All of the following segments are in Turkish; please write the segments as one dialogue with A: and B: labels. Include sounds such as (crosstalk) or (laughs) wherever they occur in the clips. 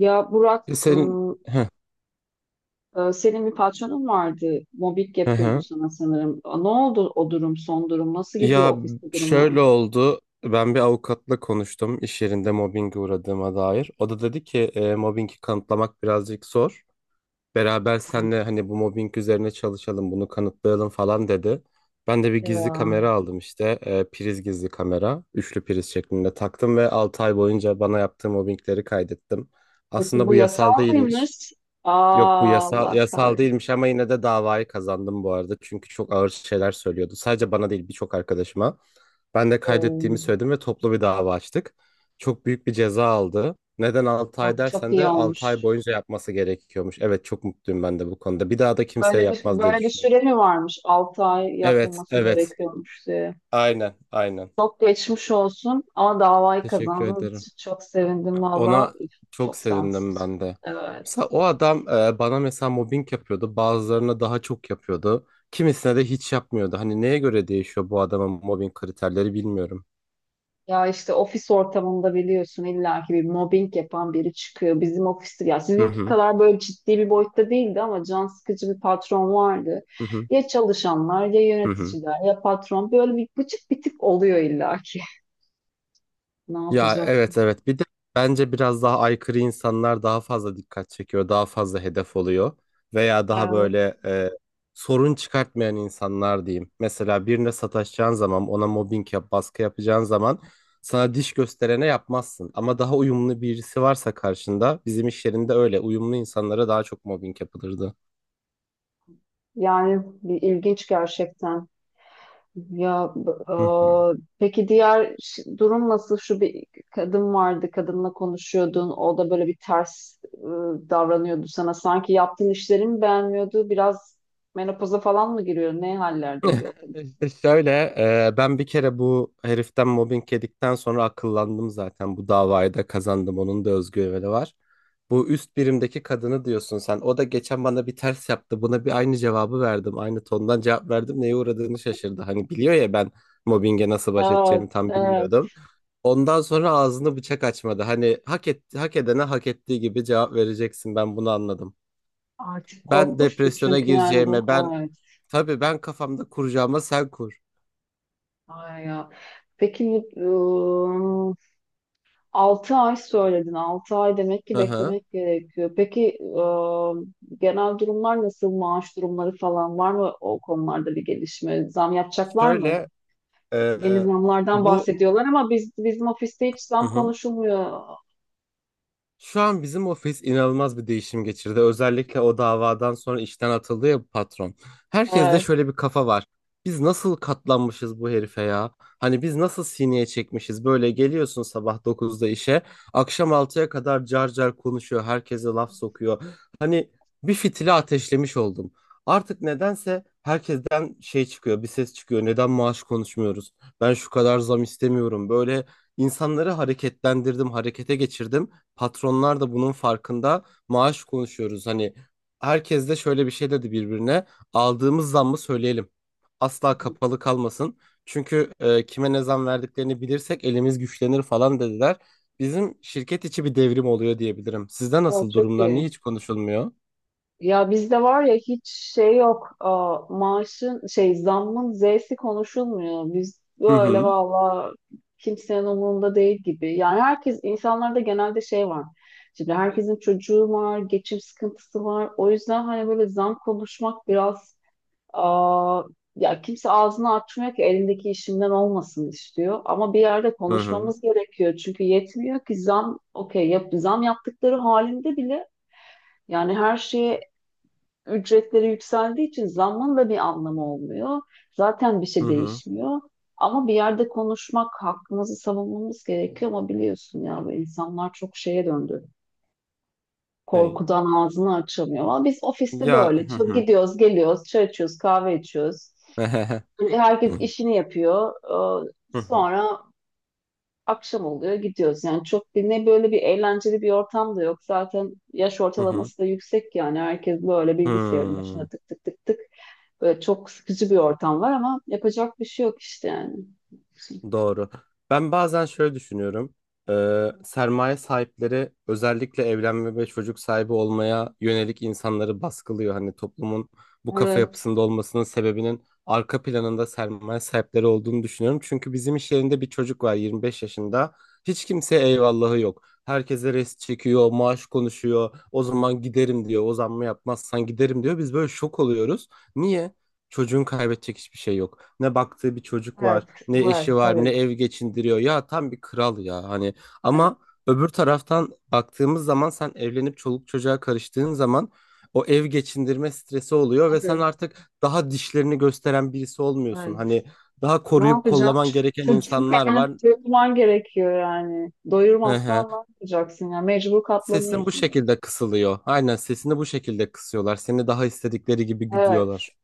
A: Ya Burak,
B: E, Senin Heh,
A: senin bir patronun vardı. Mobbing
B: hı
A: yapıyordu
B: hı.
A: sana sanırım. Ne oldu o durum, son durum? Nasıl gidiyor
B: Ya
A: ofiste durumlar?
B: şöyle oldu. Ben bir avukatla konuştum iş yerinde mobbinge uğradığıma dair. O da dedi ki mobbingi kanıtlamak birazcık zor. Beraber senle hani bu mobbing üzerine çalışalım, bunu kanıtlayalım falan dedi. Ben de bir gizli
A: Ya.
B: kamera aldım işte. Priz gizli kamera. Üçlü priz şeklinde taktım ve 6 ay boyunca bana yaptığı mobbingleri kaydettim.
A: Peki
B: Aslında
A: bu
B: bu yasal
A: yasal
B: değilmiş.
A: mıymış?
B: Yok bu
A: Aa,
B: yasal,
A: Allah
B: yasal
A: kahretsin.
B: değilmiş ama yine de davayı kazandım bu arada. Çünkü çok ağır şeyler söylüyordu. Sadece bana değil birçok arkadaşıma. Ben de kaydettiğimi
A: Oo,
B: söyledim ve toplu bir dava açtık. Çok büyük bir ceza aldı. Neden 6 ay
A: bak çok
B: dersen
A: iyi
B: de 6
A: olmuş.
B: ay boyunca yapması gerekiyormuş. Evet, çok mutluyum ben de bu konuda. Bir daha da kimseye
A: Böyle bir,
B: yapmaz diye
A: böyle bir
B: düşünüyorum.
A: süre mi varmış? 6 ay
B: Evet,
A: yapılması
B: evet.
A: gerekiyormuş diye.
B: Aynen, aynen.
A: Çok geçmiş olsun ama davayı
B: Teşekkür
A: kazandığınız
B: ederim.
A: için çok sevindim valla.
B: Ona
A: Üf,
B: çok
A: çok can
B: sevindim
A: sıkıcı.
B: ben de. Mesela
A: Evet.
B: o adam bana mesela mobbing yapıyordu. Bazılarına daha çok yapıyordu. Kimisine de hiç yapmıyordu. Hani neye göre değişiyor bu adamın mobbing kriterleri bilmiyorum.
A: Ya işte ofis ortamında biliyorsun illaki bir mobbing yapan biri çıkıyor. Bizim ofiste ya
B: Hı
A: sizinki
B: hı.
A: kadar böyle ciddi bir boyutta değildi ama can sıkıcı bir patron vardı.
B: Hı hı.
A: Ya çalışanlar ya
B: Hı hı.
A: yöneticiler ya patron böyle bir bıcık bir tip oluyor illaki. (laughs) Ne
B: Ya,
A: yapacaksın?
B: evet evet bir de bence biraz daha aykırı insanlar daha fazla dikkat çekiyor, daha fazla hedef oluyor veya daha
A: Evet.
B: böyle sorun çıkartmayan insanlar diyeyim. Mesela birine sataşacağın zaman, ona mobbing yap, baskı yapacağın zaman sana diş gösterene yapmazsın. Ama daha uyumlu birisi varsa karşında, bizim iş yerinde öyle uyumlu insanlara daha çok mobbing yapılırdı.
A: Yani bir ilginç gerçekten. Ya b-
B: Hı hı.
A: o, peki durum nasıl? Şu bir kadın vardı, kadınla konuşuyordun. O da böyle bir ters davranıyordu sana. Sanki yaptığın işleri mi beğenmiyordu? Biraz menopoza falan mı giriyor? Ne hallerdeydi o
B: (laughs)
A: kadın?
B: İşte şöyle ben bir kere bu heriften mobbing yedikten sonra akıllandım, zaten bu davayı da kazandım, onun da özgüveni var. Bu üst birimdeki kadını diyorsun sen, o da geçen bana bir ters yaptı, buna bir aynı cevabı verdim, aynı tondan cevap verdim, neye uğradığını şaşırdı. Hani biliyor ya, ben mobbinge nasıl baş
A: Evet,
B: edeceğimi tam
A: evet.
B: bilmiyordum. Ondan sonra ağzını bıçak açmadı, hani hak etti, hak edene hak ettiği gibi cevap vereceksin, ben bunu anladım.
A: Artık
B: Ben
A: korkmuş mu?
B: depresyona
A: Çünkü yani bu
B: gireceğime, ben
A: evet.
B: tabii ben kafamda kuracağıma sen kur.
A: Ay ya. Peki, e, altı ay söyledin. 6 ay demek ki
B: Hı hı.
A: beklemek gerekiyor. Peki genel durumlar nasıl? Maaş durumları falan var mı o konularda bir gelişme? Zam yapacaklar mı?
B: Şöyle e,
A: Yeni zamlardan
B: bu
A: bahsediyorlar ama bizim ofiste hiç
B: Hı
A: zam
B: hı.
A: konuşulmuyor.
B: Şu an bizim ofis inanılmaz bir değişim geçirdi. Özellikle o davadan sonra işten atıldı ya bu patron. Herkeste
A: Evet,
B: şöyle bir kafa var. Biz nasıl katlanmışız bu herife ya? Hani biz nasıl sineye çekmişiz? Böyle geliyorsun sabah 9'da işe, akşam 6'ya kadar car car konuşuyor, herkese laf sokuyor. Hani bir fitili ateşlemiş oldum. Artık nedense herkesten şey çıkıyor, bir ses çıkıyor. Neden maaş konuşmuyoruz? Ben şu kadar zam istemiyorum. Böyle insanları hareketlendirdim, harekete geçirdim. Patronlar da bunun farkında. Maaş konuşuyoruz. Hani herkes de şöyle bir şey dedi birbirine. Aldığımız zammı söyleyelim. Asla kapalı kalmasın. Çünkü kime ne zam verdiklerini bilirsek elimiz güçlenir falan dediler. Bizim şirket içi bir devrim oluyor diyebilirim. Sizde
A: o
B: nasıl
A: çok
B: durumlar?
A: iyi.
B: Niye hiç konuşulmuyor?
A: Ya bizde var ya hiç şey yok. Aa, maaşın şey zammın Z'si konuşulmuyor. Biz
B: Hı
A: böyle
B: hı.
A: valla kimsenin umurunda değil gibi. Yani herkes insanlarda genelde şey var. Şimdi herkesin çocuğu var, geçim sıkıntısı var. O yüzden hani böyle zam konuşmak biraz, aa, ya kimse ağzını açmıyor ki elindeki işimden olmasın istiyor. Ama bir yerde
B: Hı hı.
A: konuşmamız gerekiyor. Çünkü yetmiyor ki zam okey yap, zam yaptıkları halinde bile yani her şeye ücretleri yükseldiği için zammın da bir anlamı olmuyor. Zaten bir
B: Hı
A: şey
B: hı.
A: değişmiyor. Ama bir yerde konuşmak, hakkımızı savunmamız gerekiyor ama biliyorsun ya bu insanlar çok şeye döndü.
B: Hey.
A: Korkudan ağzını açamıyor. Ama biz ofiste
B: Ya,
A: böyle
B: hı hı.
A: gidiyoruz, geliyoruz, çay içiyoruz, kahve içiyoruz.
B: (laughs)
A: Herkes işini yapıyor.
B: Hı hı. Hı hı.
A: Sonra akşam oluyor gidiyoruz. Yani çok bir ne böyle bir eğlenceli bir ortam da yok. Zaten yaş
B: Hı hı.
A: ortalaması da yüksek yani herkes böyle bilgisayarın başında
B: Hı.
A: tık tık tık tık. Böyle çok sıkıcı bir ortam var ama yapacak bir şey yok işte yani.
B: Doğru. Ben bazen şöyle düşünüyorum. Sermaye sahipleri özellikle evlenme ve çocuk sahibi olmaya yönelik insanları baskılıyor. Hani toplumun bu kafa
A: Evet,
B: yapısında olmasının sebebinin arka planında sermaye sahipleri olduğunu düşünüyorum. Çünkü bizim iş yerinde bir çocuk var, 25 yaşında. Hiç kimseye eyvallahı yok. Herkese rest çekiyor, maaş konuşuyor. O zaman giderim diyor. O zammı yapmazsan giderim diyor. Biz böyle şok oluyoruz. Niye? Çocuğun kaybedecek hiçbir şey yok. Ne baktığı bir çocuk
A: evet,
B: var, ne eşi
A: var
B: var, ne
A: tabii.
B: ev geçindiriyor. Ya tam bir kral ya hani.
A: Evet,
B: Ama öbür taraftan baktığımız zaman, sen evlenip çoluk çocuğa karıştığın zaman o ev geçindirme stresi oluyor ve sen
A: tabii.
B: artık daha dişlerini gösteren birisi olmuyorsun.
A: Evet.
B: Hani daha
A: Ne
B: koruyup
A: yapacağım?
B: kollaman gereken
A: Çocuğun
B: insanlar
A: karnını
B: var.
A: doyurman gerekiyor yani.
B: Hı.
A: Doyurmazsan ne yapacaksın ya? Mecbur
B: Sesin bu
A: katlanıyorsun.
B: şekilde kısılıyor. Aynen, sesini bu şekilde kısıyorlar. Seni daha istedikleri gibi
A: Evet.
B: güdüyorlar.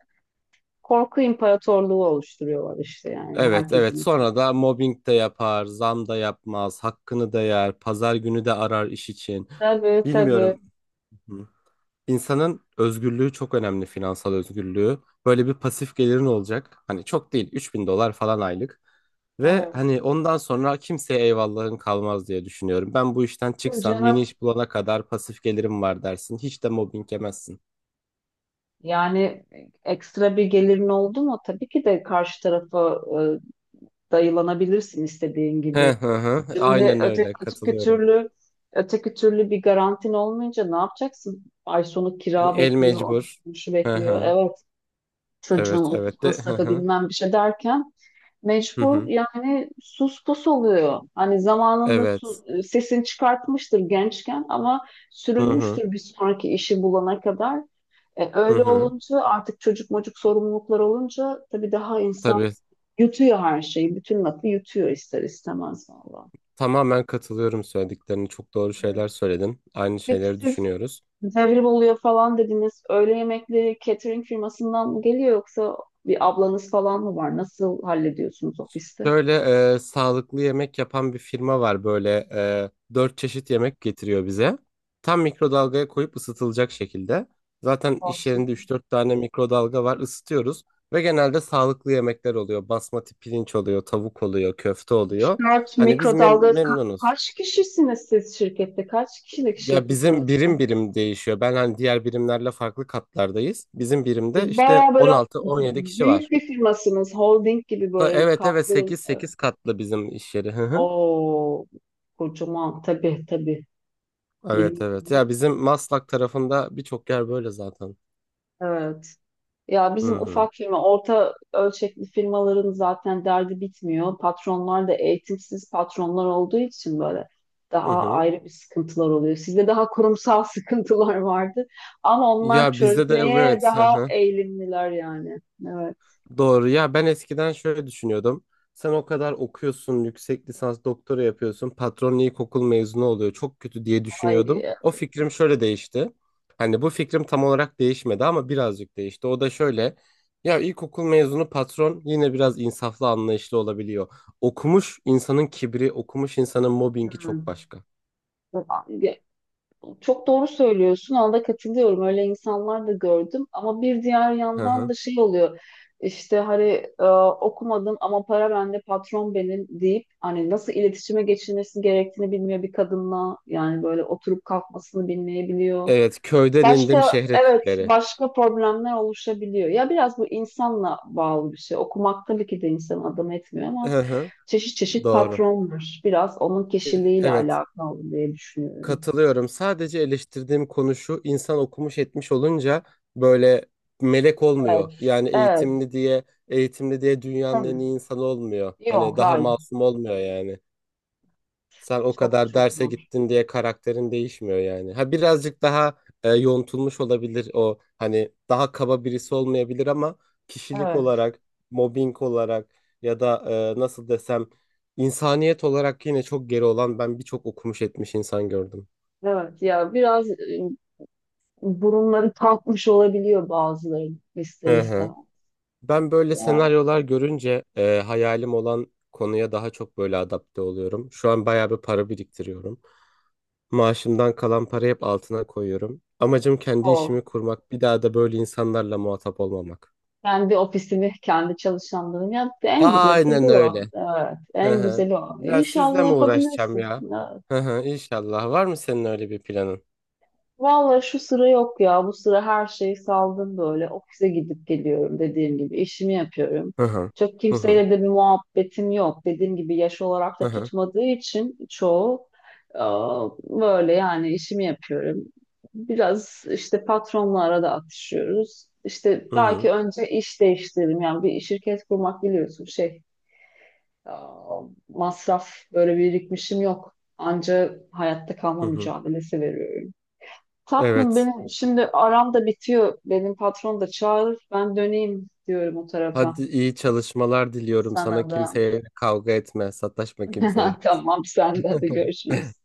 A: Korku imparatorluğu oluşturuyorlar işte yani
B: Evet, evet,
A: herkesin içinde.
B: sonra da mobbing de yapar, zam da yapmaz, hakkını da yer, pazar günü de arar iş için.
A: Tabii tabii.
B: Bilmiyorum. Hı. İnsanın özgürlüğü çok önemli, finansal özgürlüğü. Böyle bir pasif gelirin olacak. Hani çok değil, 3.000 dolar falan aylık. Ve
A: Evet.
B: hani ondan sonra kimseye eyvallahın kalmaz diye düşünüyorum. Ben bu işten
A: Tabii
B: çıksam yeni
A: canım.
B: iş bulana kadar pasif gelirim var dersin. Hiç de mobbing yemezsin.
A: Yani ekstra bir gelirin oldu mu tabii ki de karşı tarafa dayılanabilirsin istediğin
B: Hı
A: gibi.
B: hı hı. Aynen öyle,
A: Öteki
B: katılıyorum.
A: türlü öteki türlü bir garantin olmayınca ne yapacaksın? Ay sonu kira
B: El
A: bekliyor,
B: mecbur.
A: şu
B: Hı
A: bekliyor.
B: hı.
A: Evet, çocuğun
B: Evet
A: okul
B: evet de hı
A: masrafı
B: hı.
A: bilmem bir şey derken
B: Hı
A: mecbur
B: hı.
A: yani sus pus oluyor. Hani zamanında
B: Evet.
A: sesini çıkartmıştır gençken ama
B: Hı hı.
A: sürünmüştür bir sonraki işi bulana kadar.
B: Hı
A: Öyle
B: hı.
A: olunca artık çocuk mocuk sorumluluklar olunca tabii daha insan
B: Tabii.
A: yutuyor her şeyi. Bütün lafı yutuyor ister istemez valla.
B: Tamamen katılıyorum söylediklerine. Çok doğru
A: Evet.
B: şeyler söyledin. Aynı
A: Peki
B: şeyleri
A: siz
B: düşünüyoruz.
A: devrim oluyor falan dediniz. Öğle yemekleri catering firmasından mı geliyor yoksa bir ablanız falan mı var? Nasıl hallediyorsunuz ofiste?
B: Böyle sağlıklı yemek yapan bir firma var. Böyle dört çeşit yemek getiriyor bize. Tam mikrodalgaya koyup ısıtılacak şekilde. Zaten iş yerinde
A: Olsun.
B: üç dört tane mikrodalga var. Isıtıyoruz. Ve genelde sağlıklı yemekler oluyor. Basmati pirinç oluyor, tavuk oluyor, köfte oluyor.
A: Dört
B: Hani biz
A: mikrodalga.
B: memnunuz.
A: Kaç kişisiniz siz şirkette? Kaç kişilik
B: Ya
A: şirket
B: bizim birim
A: orası?
B: birim değişiyor. Ben hani diğer birimlerle farklı katlardayız. Bizim birimde
A: Siz
B: işte
A: bayağı böyle
B: 16-17 kişi
A: büyük
B: var.
A: bir firmasınız. Holding gibi böyle
B: Evet evet
A: kaplı.
B: 8-8 katlı bizim iş yeri. Hı hı.
A: O kocaman tabii tabii.
B: Evet
A: Benim,
B: evet. Ya bizim Maslak tarafında birçok yer böyle zaten.
A: evet. Ya bizim
B: Hı hı.
A: ufak firma, orta ölçekli firmaların zaten derdi bitmiyor. Patronlar da eğitimsiz patronlar olduğu için böyle daha
B: Hı hı.
A: ayrı bir sıkıntılar oluyor. Sizde daha kurumsal (laughs) sıkıntılar vardı ama onlar
B: Ya bizde de
A: çözmeye
B: evet.
A: daha
B: (laughs)
A: eğilimliler yani. Evet.
B: Doğru ya, ben eskiden şöyle düşünüyordum. Sen o kadar okuyorsun, yüksek lisans doktora yapıyorsun, patron ilkokul mezunu oluyor, çok kötü diye
A: Ay,
B: düşünüyordum. O fikrim şöyle değişti. Hani bu fikrim tam olarak değişmedi ama birazcık değişti. O da şöyle. Ya ilkokul mezunu patron yine biraz insaflı, anlayışlı olabiliyor. Okumuş insanın kibri, okumuş insanın mobbingi çok başka.
A: evet. Çok doğru söylüyorsun. Ona da katılıyorum. Öyle insanlar da gördüm. Ama bir diğer
B: Hı
A: yandan
B: hı.
A: da şey oluyor. İşte hani e, okumadım ama para bende, patron benim deyip hani nasıl iletişime geçilmesi gerektiğini bilmiyor bir kadınla. Yani böyle oturup kalkmasını bilmeyebiliyor.
B: Evet, köyden indim
A: Başka
B: şehre
A: evet
B: tipleri.
A: başka problemler oluşabiliyor. Ya biraz bu insanla bağlı bir şey. Okumak tabii ki de insanı adam etmiyor ama
B: Hı hı.
A: çeşit çeşit
B: Doğru.
A: patron var. Biraz onun kişiliğiyle
B: Evet.
A: alakalı diye düşünüyorum.
B: Katılıyorum. Sadece eleştirdiğim konu şu, insan okumuş etmiş olunca böyle melek olmuyor.
A: Evet,
B: Yani
A: evet.
B: eğitimli diye, eğitimli diye dünyanın en
A: Tabii.
B: iyi insanı olmuyor. Hani
A: Yok,
B: daha
A: hayır.
B: masum olmuyor yani. Sen o
A: Çok
B: kadar
A: çok
B: derse
A: var.
B: gittin diye karakterin değişmiyor yani. Ha birazcık daha yontulmuş olabilir o. Hani daha kaba birisi olmayabilir ama kişilik
A: Evet,
B: olarak, mobbing olarak ya da nasıl desem, insaniyet olarak yine çok geri olan ben birçok okumuş etmiş insan gördüm.
A: evet. Ya biraz burunları kalkmış olabiliyor bazılarının ister
B: Hı hı.
A: istemez.
B: Ben böyle
A: Ya
B: senaryolar görünce hayalim olan konuya daha çok böyle adapte oluyorum. Şu an bayağı bir para biriktiriyorum. Maaşımdan kalan parayı hep altına koyuyorum. Amacım kendi
A: o.
B: işimi kurmak, bir daha da böyle insanlarla muhatap olmamak.
A: Kendi ofisini, kendi çalışanlarını yaptı. En güzeli
B: Aynen
A: tabii o.
B: öyle.
A: Evet,
B: Hı
A: en
B: hı.
A: güzeli o.
B: Ya sizle
A: İnşallah
B: mi uğraşacağım
A: yapabilirsin.
B: ya? Hı hı, İnşallah. Var mı senin öyle bir planın?
A: Vallahi şu sıra yok ya. Bu sıra her şeyi saldım böyle. Ofise gidip geliyorum dediğim gibi. İşimi yapıyorum.
B: Hı hı.
A: Çok
B: Hı hı.
A: kimseyle de bir muhabbetim yok. Dediğim gibi yaş olarak
B: Hı
A: da
B: hı.
A: tutmadığı için çoğu, böyle yani işimi yapıyorum. Biraz işte patronla arada atışıyoruz. İşte
B: Hı hı.
A: belki önce iş değiştiririm. Yani bir şirket kurmak biliyorsun şey, aa, masraf böyle birikmişim yok. Anca hayatta kalma
B: Hı hı.
A: mücadelesi veriyorum. Tatlım
B: Evet.
A: benim şimdi aram da bitiyor. Benim patron da çağırır. Ben döneyim diyorum o tarafa.
B: Hadi, iyi çalışmalar diliyorum sana.
A: Sana da.
B: Kimseye kavga etme, sataşma kimseye.
A: (laughs) Tamam sen de hadi
B: (laughs)
A: görüşürüz.